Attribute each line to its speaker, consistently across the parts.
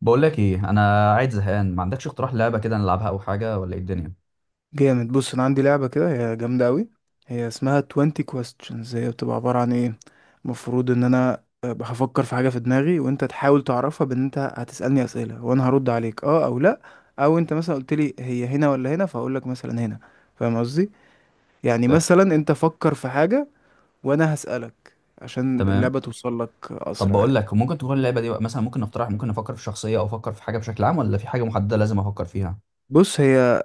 Speaker 1: بقول لك ايه، انا قاعد زهقان، ما عندكش اقتراح لعبه كده نلعبها او حاجه؟ ولا ايه الدنيا؟
Speaker 2: جامد. بص انا عندي لعبه كده، هي جامده قوي. هي اسمها 20 questions. هي بتبقى عباره عن ايه؟ المفروض ان انا هفكر في حاجه في دماغي وانت تحاول تعرفها، بان انت هتسالني اسئله وانا هرد عليك اه او لا. او انت مثلا قلت لي هي هنا ولا هنا، فاقول لك مثلا هنا. فاهم قصدي؟ يعني
Speaker 1: فاهم.
Speaker 2: مثلا انت فكر في حاجه وانا هسالك، عشان
Speaker 1: تمام.
Speaker 2: اللعبه توصل لك
Speaker 1: طب
Speaker 2: اسرع
Speaker 1: بقول
Speaker 2: يعني.
Speaker 1: لك، ممكن تكون اللعبه دي بقى مثلا، ممكن نقترح، ممكن نفكر في شخصيه، او افكر في حاجه بشكل عام، ولا في حاجه محدده لازم افكر فيها؟
Speaker 2: بص، هي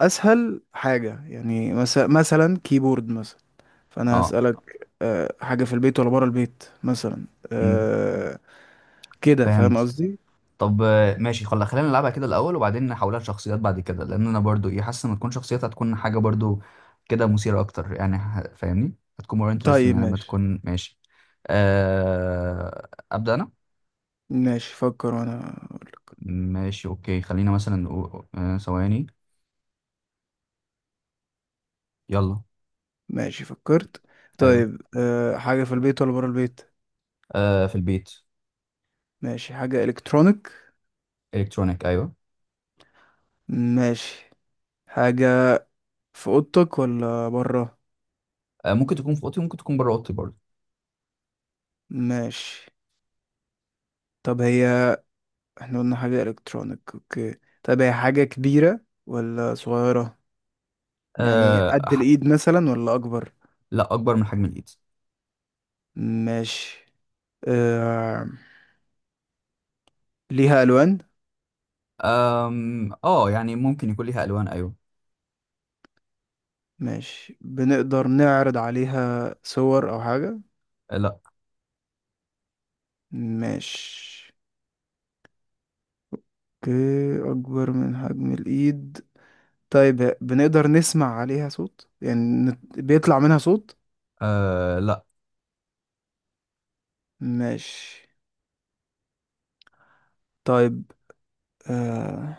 Speaker 2: اسهل حاجه، يعني مثلا كيبورد مثلا. فانا
Speaker 1: اه.
Speaker 2: هسألك حاجة في البيت ولا بره البيت مثلا
Speaker 1: امم
Speaker 2: كده. فاهم
Speaker 1: فهمت.
Speaker 2: قصدي؟
Speaker 1: طب ماشي، خلينا نلعبها كده الاول، وبعدين نحولها لشخصيات بعد كده، لان انا برضو ايه، حاسس ان تكون شخصيات هتكون حاجه برضو كده مثيره اكتر يعني. فاهمني؟ هتكون more interesting
Speaker 2: طيب
Speaker 1: يعني، لما
Speaker 2: ماشي.
Speaker 1: تكون ماشي. ابدا انا.
Speaker 2: ماشي فكر وانا أقول.
Speaker 1: ماشي اوكي، خلينا مثلا ثواني. يلا.
Speaker 2: ماشي فكرت.
Speaker 1: ايوه.
Speaker 2: طيب حاجة في البيت ولا بره البيت؟
Speaker 1: آه في البيت.
Speaker 2: ماشي. حاجة الكترونيك.
Speaker 1: الكترونيك ايوه.
Speaker 2: ماشي. حاجة في اوضتك ولا بره؟
Speaker 1: آه ممكن تكون في اوضتي، ممكن تكون بره اوضتي برضه.
Speaker 2: ماشي. طب هي، احنا قلنا حاجة الكترونيك اوكي. طب هي حاجة كبيرة ولا صغيرة؟ يعني
Speaker 1: آه
Speaker 2: قد
Speaker 1: ح-
Speaker 2: الايد مثلا ولا اكبر؟
Speaker 1: لا، اكبر من حجم الايد.
Speaker 2: ماشي. أه، ليها ألوان؟
Speaker 1: اه يعني ممكن يكون ليها الوان ايوه.
Speaker 2: ماشي. بنقدر نعرض عليها صور أو حاجة؟
Speaker 1: لا.
Speaker 2: ماشي. اوكي، أكبر من حجم الإيد. طيب بنقدر نسمع عليها صوت يعني؟ بيطلع منها صوت؟
Speaker 1: آه لا.
Speaker 2: ماشي. طيب آه...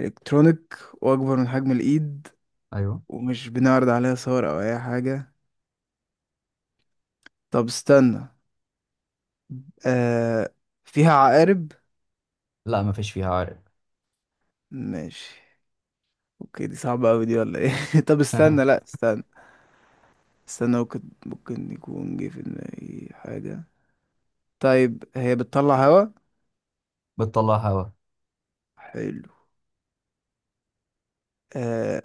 Speaker 2: إلكترونيك وأكبر من حجم الإيد
Speaker 1: ايوه.
Speaker 2: ومش بنعرض عليها صور أو أي حاجة. طب استنى آه... فيها عقارب؟
Speaker 1: لا ما فيش فيها عارق.
Speaker 2: ماشي. اوكي دي صعبة أوي دي ولا ايه؟ طب استنى، لأ، استنى استنى. ممكن يكون جه في دماغي حاجة. طيب هي بتطلع هوا؟
Speaker 1: بتطلع هوا.
Speaker 2: حلو. آه،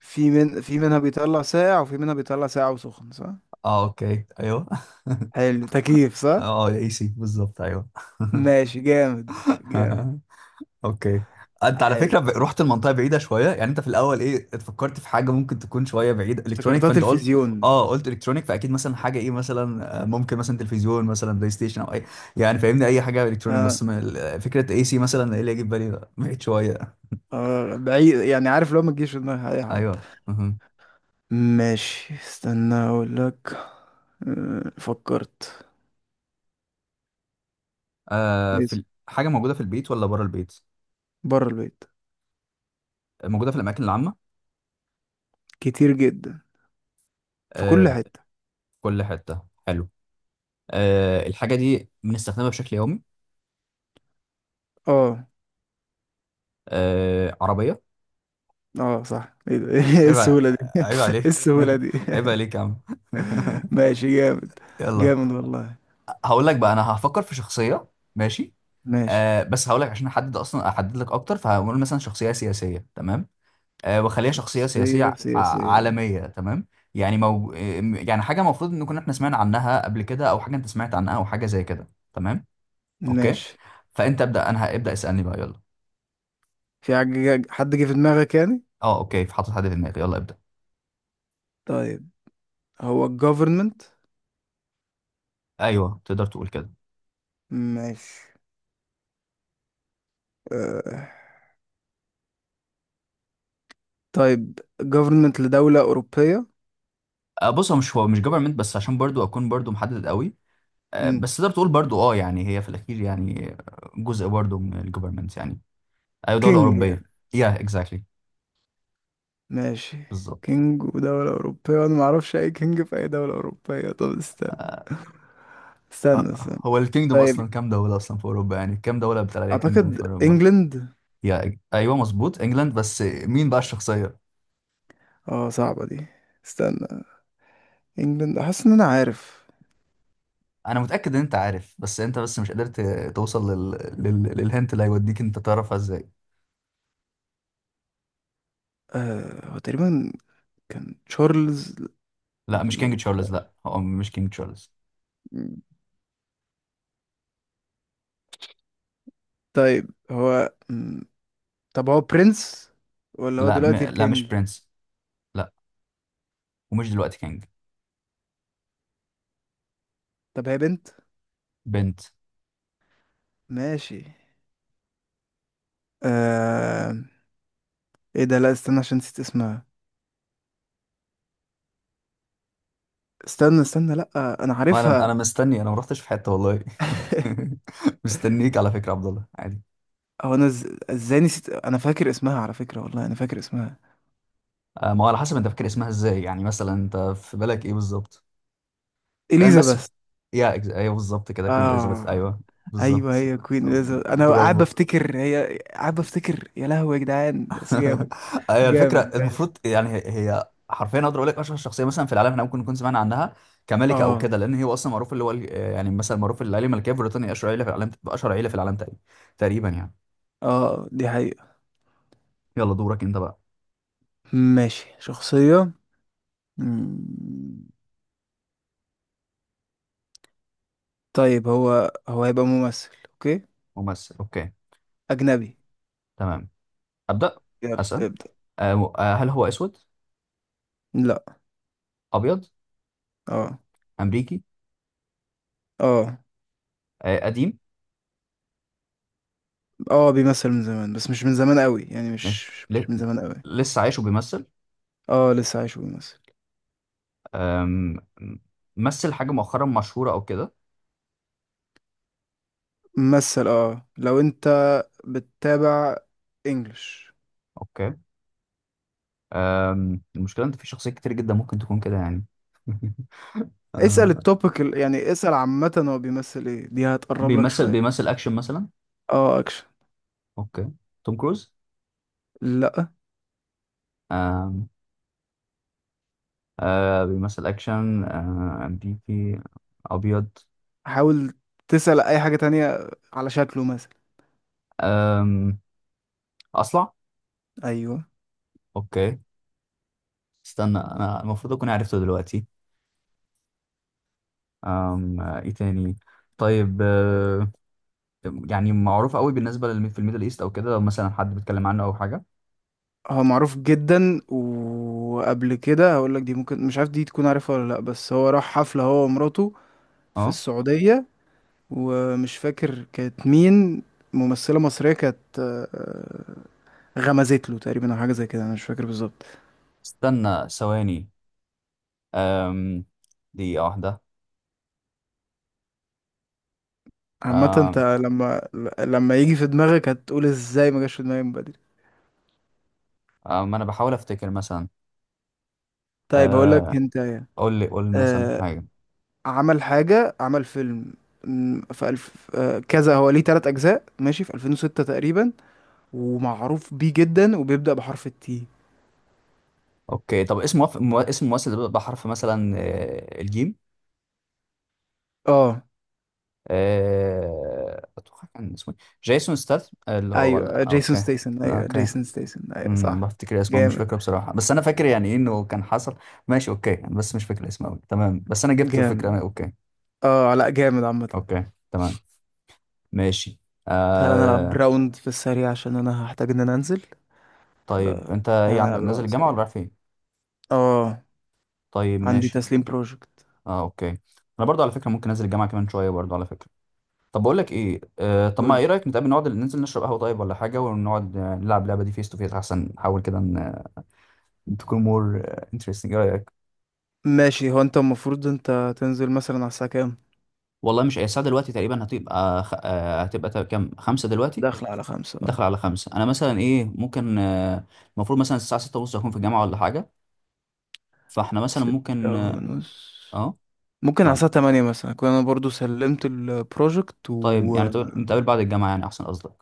Speaker 2: في منها بيطلع ساقع وفي منها بيطلع ساقع وسخن، صح؟
Speaker 1: اه اوكي ايوه.
Speaker 2: حلو، تكييف صح.
Speaker 1: اه اي سي بالظبط ايوه.
Speaker 2: ماشي، جامد.
Speaker 1: اوكي. انت على
Speaker 2: حلو.
Speaker 1: فكره رحت المنطقه بعيده شويه يعني. انت في الاول ايه اتفكرت في حاجه ممكن تكون شويه بعيده؟ الكترونيك،
Speaker 2: افتكرتها
Speaker 1: فانت قلت.
Speaker 2: تلفزيون.
Speaker 1: اه قلت الكترونيك، فاكيد مثلا حاجه ايه، مثلا ممكن مثلا تلفزيون، مثلا بلاي ستيشن، او اي. يعني فاهمني، اي حاجه الكترونيك.
Speaker 2: اه.
Speaker 1: بس من فكره اي سي مثلا، ايه اللي يجي في بالي ده؟ بعيد شويه.
Speaker 2: اه، بعيد يعني، عارف لو ما تجيش في دماغ اي حد.
Speaker 1: ايوه مهم.
Speaker 2: ماشي استنى اقول لك. آه، فكرت.
Speaker 1: آه في
Speaker 2: يس،
Speaker 1: حاجه موجوده في البيت ولا بره البيت؟
Speaker 2: بره البيت.
Speaker 1: موجوده في الاماكن العامه؟
Speaker 2: كتير جدا، في
Speaker 1: آه
Speaker 2: كل
Speaker 1: في
Speaker 2: حتة.
Speaker 1: كل حته. حلو. آه الحاجه دي بنستخدمها بشكل يومي؟
Speaker 2: اه.
Speaker 1: آه عربيه.
Speaker 2: اه صح. ايه ده؟ ايه
Speaker 1: عيب ع-
Speaker 2: السهولة دي؟ ايه
Speaker 1: عيب عليك.
Speaker 2: السهولة دي؟
Speaker 1: عيب عليك يا عم.
Speaker 2: ماشي جامد.
Speaker 1: يلا.
Speaker 2: جامد والله.
Speaker 1: هقول لك بقى، انا هفكر في شخصيه. ماشي.
Speaker 2: ماشي
Speaker 1: آه بس هقول لك، عشان احدد، اصلا احدد لك اكتر، فهقول مثلا شخصيه سياسيه. تمام. آه وخليها شخصيه سياسيه
Speaker 2: شخصية سياسية.
Speaker 1: عالميه. تمام. يعني يعني حاجه المفروض ان كنا احنا سمعنا عنها قبل كده، او حاجه انت سمعت عنها، او حاجه زي كده. تمام. اوكي.
Speaker 2: ماشي.
Speaker 1: فانت ابدا، انا هبدا اسالني بقى، يلا.
Speaker 2: في حاجة حد جه في دماغك يعني؟
Speaker 1: اه اوكي، في حاطط حد في دماغي، يلا ابدا.
Speaker 2: طيب هو الجوفرمنت؟
Speaker 1: ايوه تقدر تقول كده.
Speaker 2: ماشي. آه. طيب جوفرمنت لدولة أوروبية؟
Speaker 1: آه، بص هو مش جفرمنت، بس عشان برضو اكون برضو محدد قوي.
Speaker 2: مم.
Speaker 1: بس تقدر تقول برضو اه، يعني هي في الاخير يعني جزء برضو من الجوفرمنت يعني. ايوه دوله
Speaker 2: كينج يعني؟
Speaker 1: اوروبيه. يا اكزاكتلي.
Speaker 2: ماشي.
Speaker 1: بالظبط.
Speaker 2: كينج ودولة أوروبية، وأنا معرفش أي كينج في أي دولة أوروبية. طب استنى
Speaker 1: آه،
Speaker 2: استنى استنى.
Speaker 1: هو الكينجدوم اصلا
Speaker 2: طيب
Speaker 1: كام دوله اصلا في اوروبا؟ يعني كام دوله بتاع عليها كينجدوم في
Speaker 2: أعتقد
Speaker 1: اوروبا؟
Speaker 2: إنجلند.
Speaker 1: يا ايوه مظبوط انجلاند، بس مين بقى الشخصيه؟
Speaker 2: اه، صعبة دي، استنى. انجلاند، حاسس ان انا عارف.
Speaker 1: انا متاكد ان انت عارف، بس انت مش قدرت توصل للهنت اللي هيوديك انت تعرفها ازاي.
Speaker 2: آه، هو تقريبا كان تشارلز.
Speaker 1: لا مش كينج
Speaker 2: ال-
Speaker 1: تشارلز، لا هو مش كينج تشارلز.
Speaker 2: طيب هو م، طب هو برنس ولا هو دلوقتي
Speaker 1: لا
Speaker 2: الكينج؟
Speaker 1: مش برنس. لا. ومش دلوقتي كينج.
Speaker 2: طب هي بنت؟
Speaker 1: بنت.
Speaker 2: ماشي. آه، ايه ده، لا استنى، عشان نسيت اسمها. استنى لا، انا
Speaker 1: ما انا
Speaker 2: عارفها.
Speaker 1: انا مستني، انا ما رحتش في حته والله. مستنيك على فكره يا عبد الله عادي.
Speaker 2: هو انا ازاي نسيت؟ انا فاكر اسمها على فكرة، والله انا فاكر اسمها.
Speaker 1: ما هو على حسب انت فاكر اسمها ازاي، يعني مثلا انت في بالك ايه بالظبط؟ لان بس.
Speaker 2: اليزابيث.
Speaker 1: ايوه بالظبط كده، كوين اليزابيث،
Speaker 2: اه
Speaker 1: ايوه
Speaker 2: ايوه،
Speaker 1: بالظبط.
Speaker 2: هي كوين اليزابيث. انا قاعد
Speaker 1: برافو.
Speaker 2: بفتكر، هي قاعد بفتكر، يا لهوي يا جدعان، بس جامد.
Speaker 1: ايوه الفكره
Speaker 2: جامد. ماشي.
Speaker 1: المفروض، يعني هي حرفيا اقدر اقول لك اشهر شخصيه مثلا في العالم احنا ممكن نكون سمعنا عنها، كملكه او
Speaker 2: اه.
Speaker 1: كده، لان هي اصلا معروف اللي هو يعني مثلا معروف العيله الملكيه في بريطانيا اشهر عيله في العالم، اشهر عيله في العالم تقريبا. تقريبا يعني.
Speaker 2: اه دي حقيقة.
Speaker 1: يلا دورك انت بقى.
Speaker 2: ماشي شخصية. مم. طيب هو هيبقى ممثل، اوكي.
Speaker 1: ممثل اوكي.
Speaker 2: اجنبي.
Speaker 1: تمام. أبدأ.
Speaker 2: يلا
Speaker 1: أسأل.
Speaker 2: ابدأ.
Speaker 1: هل هو أسود؟
Speaker 2: لا.
Speaker 1: أبيض؟
Speaker 2: اه.
Speaker 1: أمريكي؟
Speaker 2: اه.
Speaker 1: قديم؟
Speaker 2: اه، بيمثل من زمان بس مش من زمان قوي، يعني مش
Speaker 1: ماشي.
Speaker 2: مش من زمان قوي.
Speaker 1: لسه عايش وبيمثل؟
Speaker 2: اه، لسه عايش وبيمثل.
Speaker 1: آم، مثل حاجة مؤخرا مشهورة أو كده؟
Speaker 2: ممثل. اه، لو انت بتتابع انجلش.
Speaker 1: أوكي. المشكلة إن في شخصيات كتير جدا ممكن تكون كده يعني.
Speaker 2: اسأل
Speaker 1: آه،
Speaker 2: التوبيك يعني اسأل عامة هو بيمثل ايه، دي هتقرب لك
Speaker 1: بيمثل
Speaker 2: شوية.
Speaker 1: بيمثل أكشن مثلا؟
Speaker 2: اه، اكشن.
Speaker 1: أوكي. توم كروز؟
Speaker 2: لا،
Speaker 1: آم، آه، بيمثل أكشن، أمريكي، أبيض.
Speaker 2: حاول تسأل اي حاجة تانية على شكله مثلا.
Speaker 1: آم، أصلع؟
Speaker 2: ايوه.
Speaker 1: أوكي. استنى أنا المفروض أكون عرفته دلوقتي. أم آه، ايه تاني؟ طيب يعني معروف قوي بالنسبه للمي في الميدل ايست او كده، لو مثلا حد بيتكلم عنه او حاجه؟
Speaker 2: هو معروف جدا، وقبل كده هقول لك دي ممكن مش عارف دي تكون عارفها ولا لا، بس هو راح حفلة هو ومراته في
Speaker 1: اه
Speaker 2: السعودية، ومش فاكر كانت مين، ممثلة مصرية كانت غمزت له تقريبا او حاجة زي كده، انا مش فاكر بالظبط.
Speaker 1: استنى ثواني. أم، دقيقه واحده.
Speaker 2: عامة انت
Speaker 1: أم،
Speaker 2: لما لما يجي في دماغك هتقول ازاي ما جاش في دماغي من بدري.
Speaker 1: أم، انا بحاول افتكر مثلا.
Speaker 2: طيب هقول لك،
Speaker 1: أه،
Speaker 2: انت
Speaker 1: قول لي، مثلا حاجه.
Speaker 2: عمل حاجة، عمل فيلم في ألف كذا، هو ليه تلات أجزاء ماشي، في 2006 تقريبا، ومعروف بيه جدا، وبيبدأ بحرف التي.
Speaker 1: اوكي، طب اسم اسم الممثل ده بيبدأ بحرف مثلا الجيم؟
Speaker 2: اه
Speaker 1: اتوقع كان اسمه إيه؟ جيسون ستاثام اللي هو،
Speaker 2: ايوه،
Speaker 1: ولا
Speaker 2: جيسون
Speaker 1: اوكي.
Speaker 2: ستيسن، ايوه
Speaker 1: اوكي.
Speaker 2: جيسون ستيسن، ايوه صح.
Speaker 1: بفتكر اسمه، مش
Speaker 2: جامد.
Speaker 1: فاكره بصراحه، بس انا فاكر يعني ايه انه كان حصل. ماشي اوكي، أنا بس مش فاكر اسمه قوي تمام، بس انا جبت
Speaker 2: جامد.
Speaker 1: الفكره، اوكي.
Speaker 2: اه لا، جامد عامة.
Speaker 1: اوكي. تمام. ماشي.
Speaker 2: تعالى نلعب
Speaker 1: آه
Speaker 2: راوند في السريع عشان انا هحتاج ان انا انزل. ف،
Speaker 1: طيب انت ايه
Speaker 2: تعالى
Speaker 1: عندك،
Speaker 2: نلعب
Speaker 1: نازل
Speaker 2: راوند
Speaker 1: الجامعه ولا
Speaker 2: سريع.
Speaker 1: رايح فين؟
Speaker 2: اه
Speaker 1: طيب
Speaker 2: عندي
Speaker 1: ماشي.
Speaker 2: تسليم بروجكت.
Speaker 1: اه اوكي. انا برضو على فكره ممكن انزل الجامعه كمان شويه برضو على فكره. طب بقول لك ايه، طب ما
Speaker 2: قول.
Speaker 1: ايه رايك نتقابل نقعد ننزل نشرب قهوه طيب، ولا حاجه، ونقعد نلعب اللعبه دي فيس تو فيس؟ احسن، نحاول كده ان تكون مور انترستنج. ايه رايك؟
Speaker 2: ماشي. هو انت المفروض انت تنزل مثلا على الساعة كام؟
Speaker 1: والله مش الساعه دلوقتي تقريبا، هتبقى خ... آه، هتبقى تا- كام؟ 5 دلوقتي؟
Speaker 2: داخل على 5
Speaker 1: داخل
Speaker 2: اه.
Speaker 1: على 5. أنا مثلا إيه ممكن المفروض مثلا الساعة 6:30 أكون في الجامعة ولا حاجة، فإحنا مثلا
Speaker 2: ستة
Speaker 1: ممكن أه
Speaker 2: ونص
Speaker 1: آه،
Speaker 2: ممكن على
Speaker 1: فاهم؟
Speaker 2: الساعة 8 مثلا أكون أنا برضو سلمت البروجكت
Speaker 1: طيب يعني
Speaker 2: وماشي.
Speaker 1: نتقابل بعد الجامعة يعني، أحسن قصدك.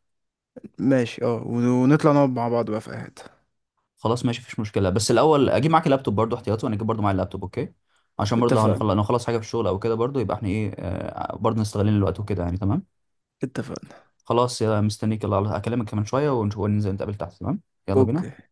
Speaker 2: اه، ونطلع نقعد مع بعض بقى في قعدة.
Speaker 1: خلاص ماشي، مفيش مشكلة، بس الأول أجيب معاك اللابتوب برضو احتياطي، وأنا أجيب برضو معايا اللابتوب أوكي. عشان برضو لو هنخلص،
Speaker 2: اتفقنا.
Speaker 1: لو نخلص حاجة في الشغل أو كده، برضو يبقى إحنا إيه برضو نستغلين الوقت وكده يعني. تمام.
Speaker 2: اتفقنا.
Speaker 1: خلاص يا مستنيك، يلا أكلمك كمان شوية ونشوف وننزل نتقابل تحت. تمام. يلا
Speaker 2: اوكي
Speaker 1: بينا.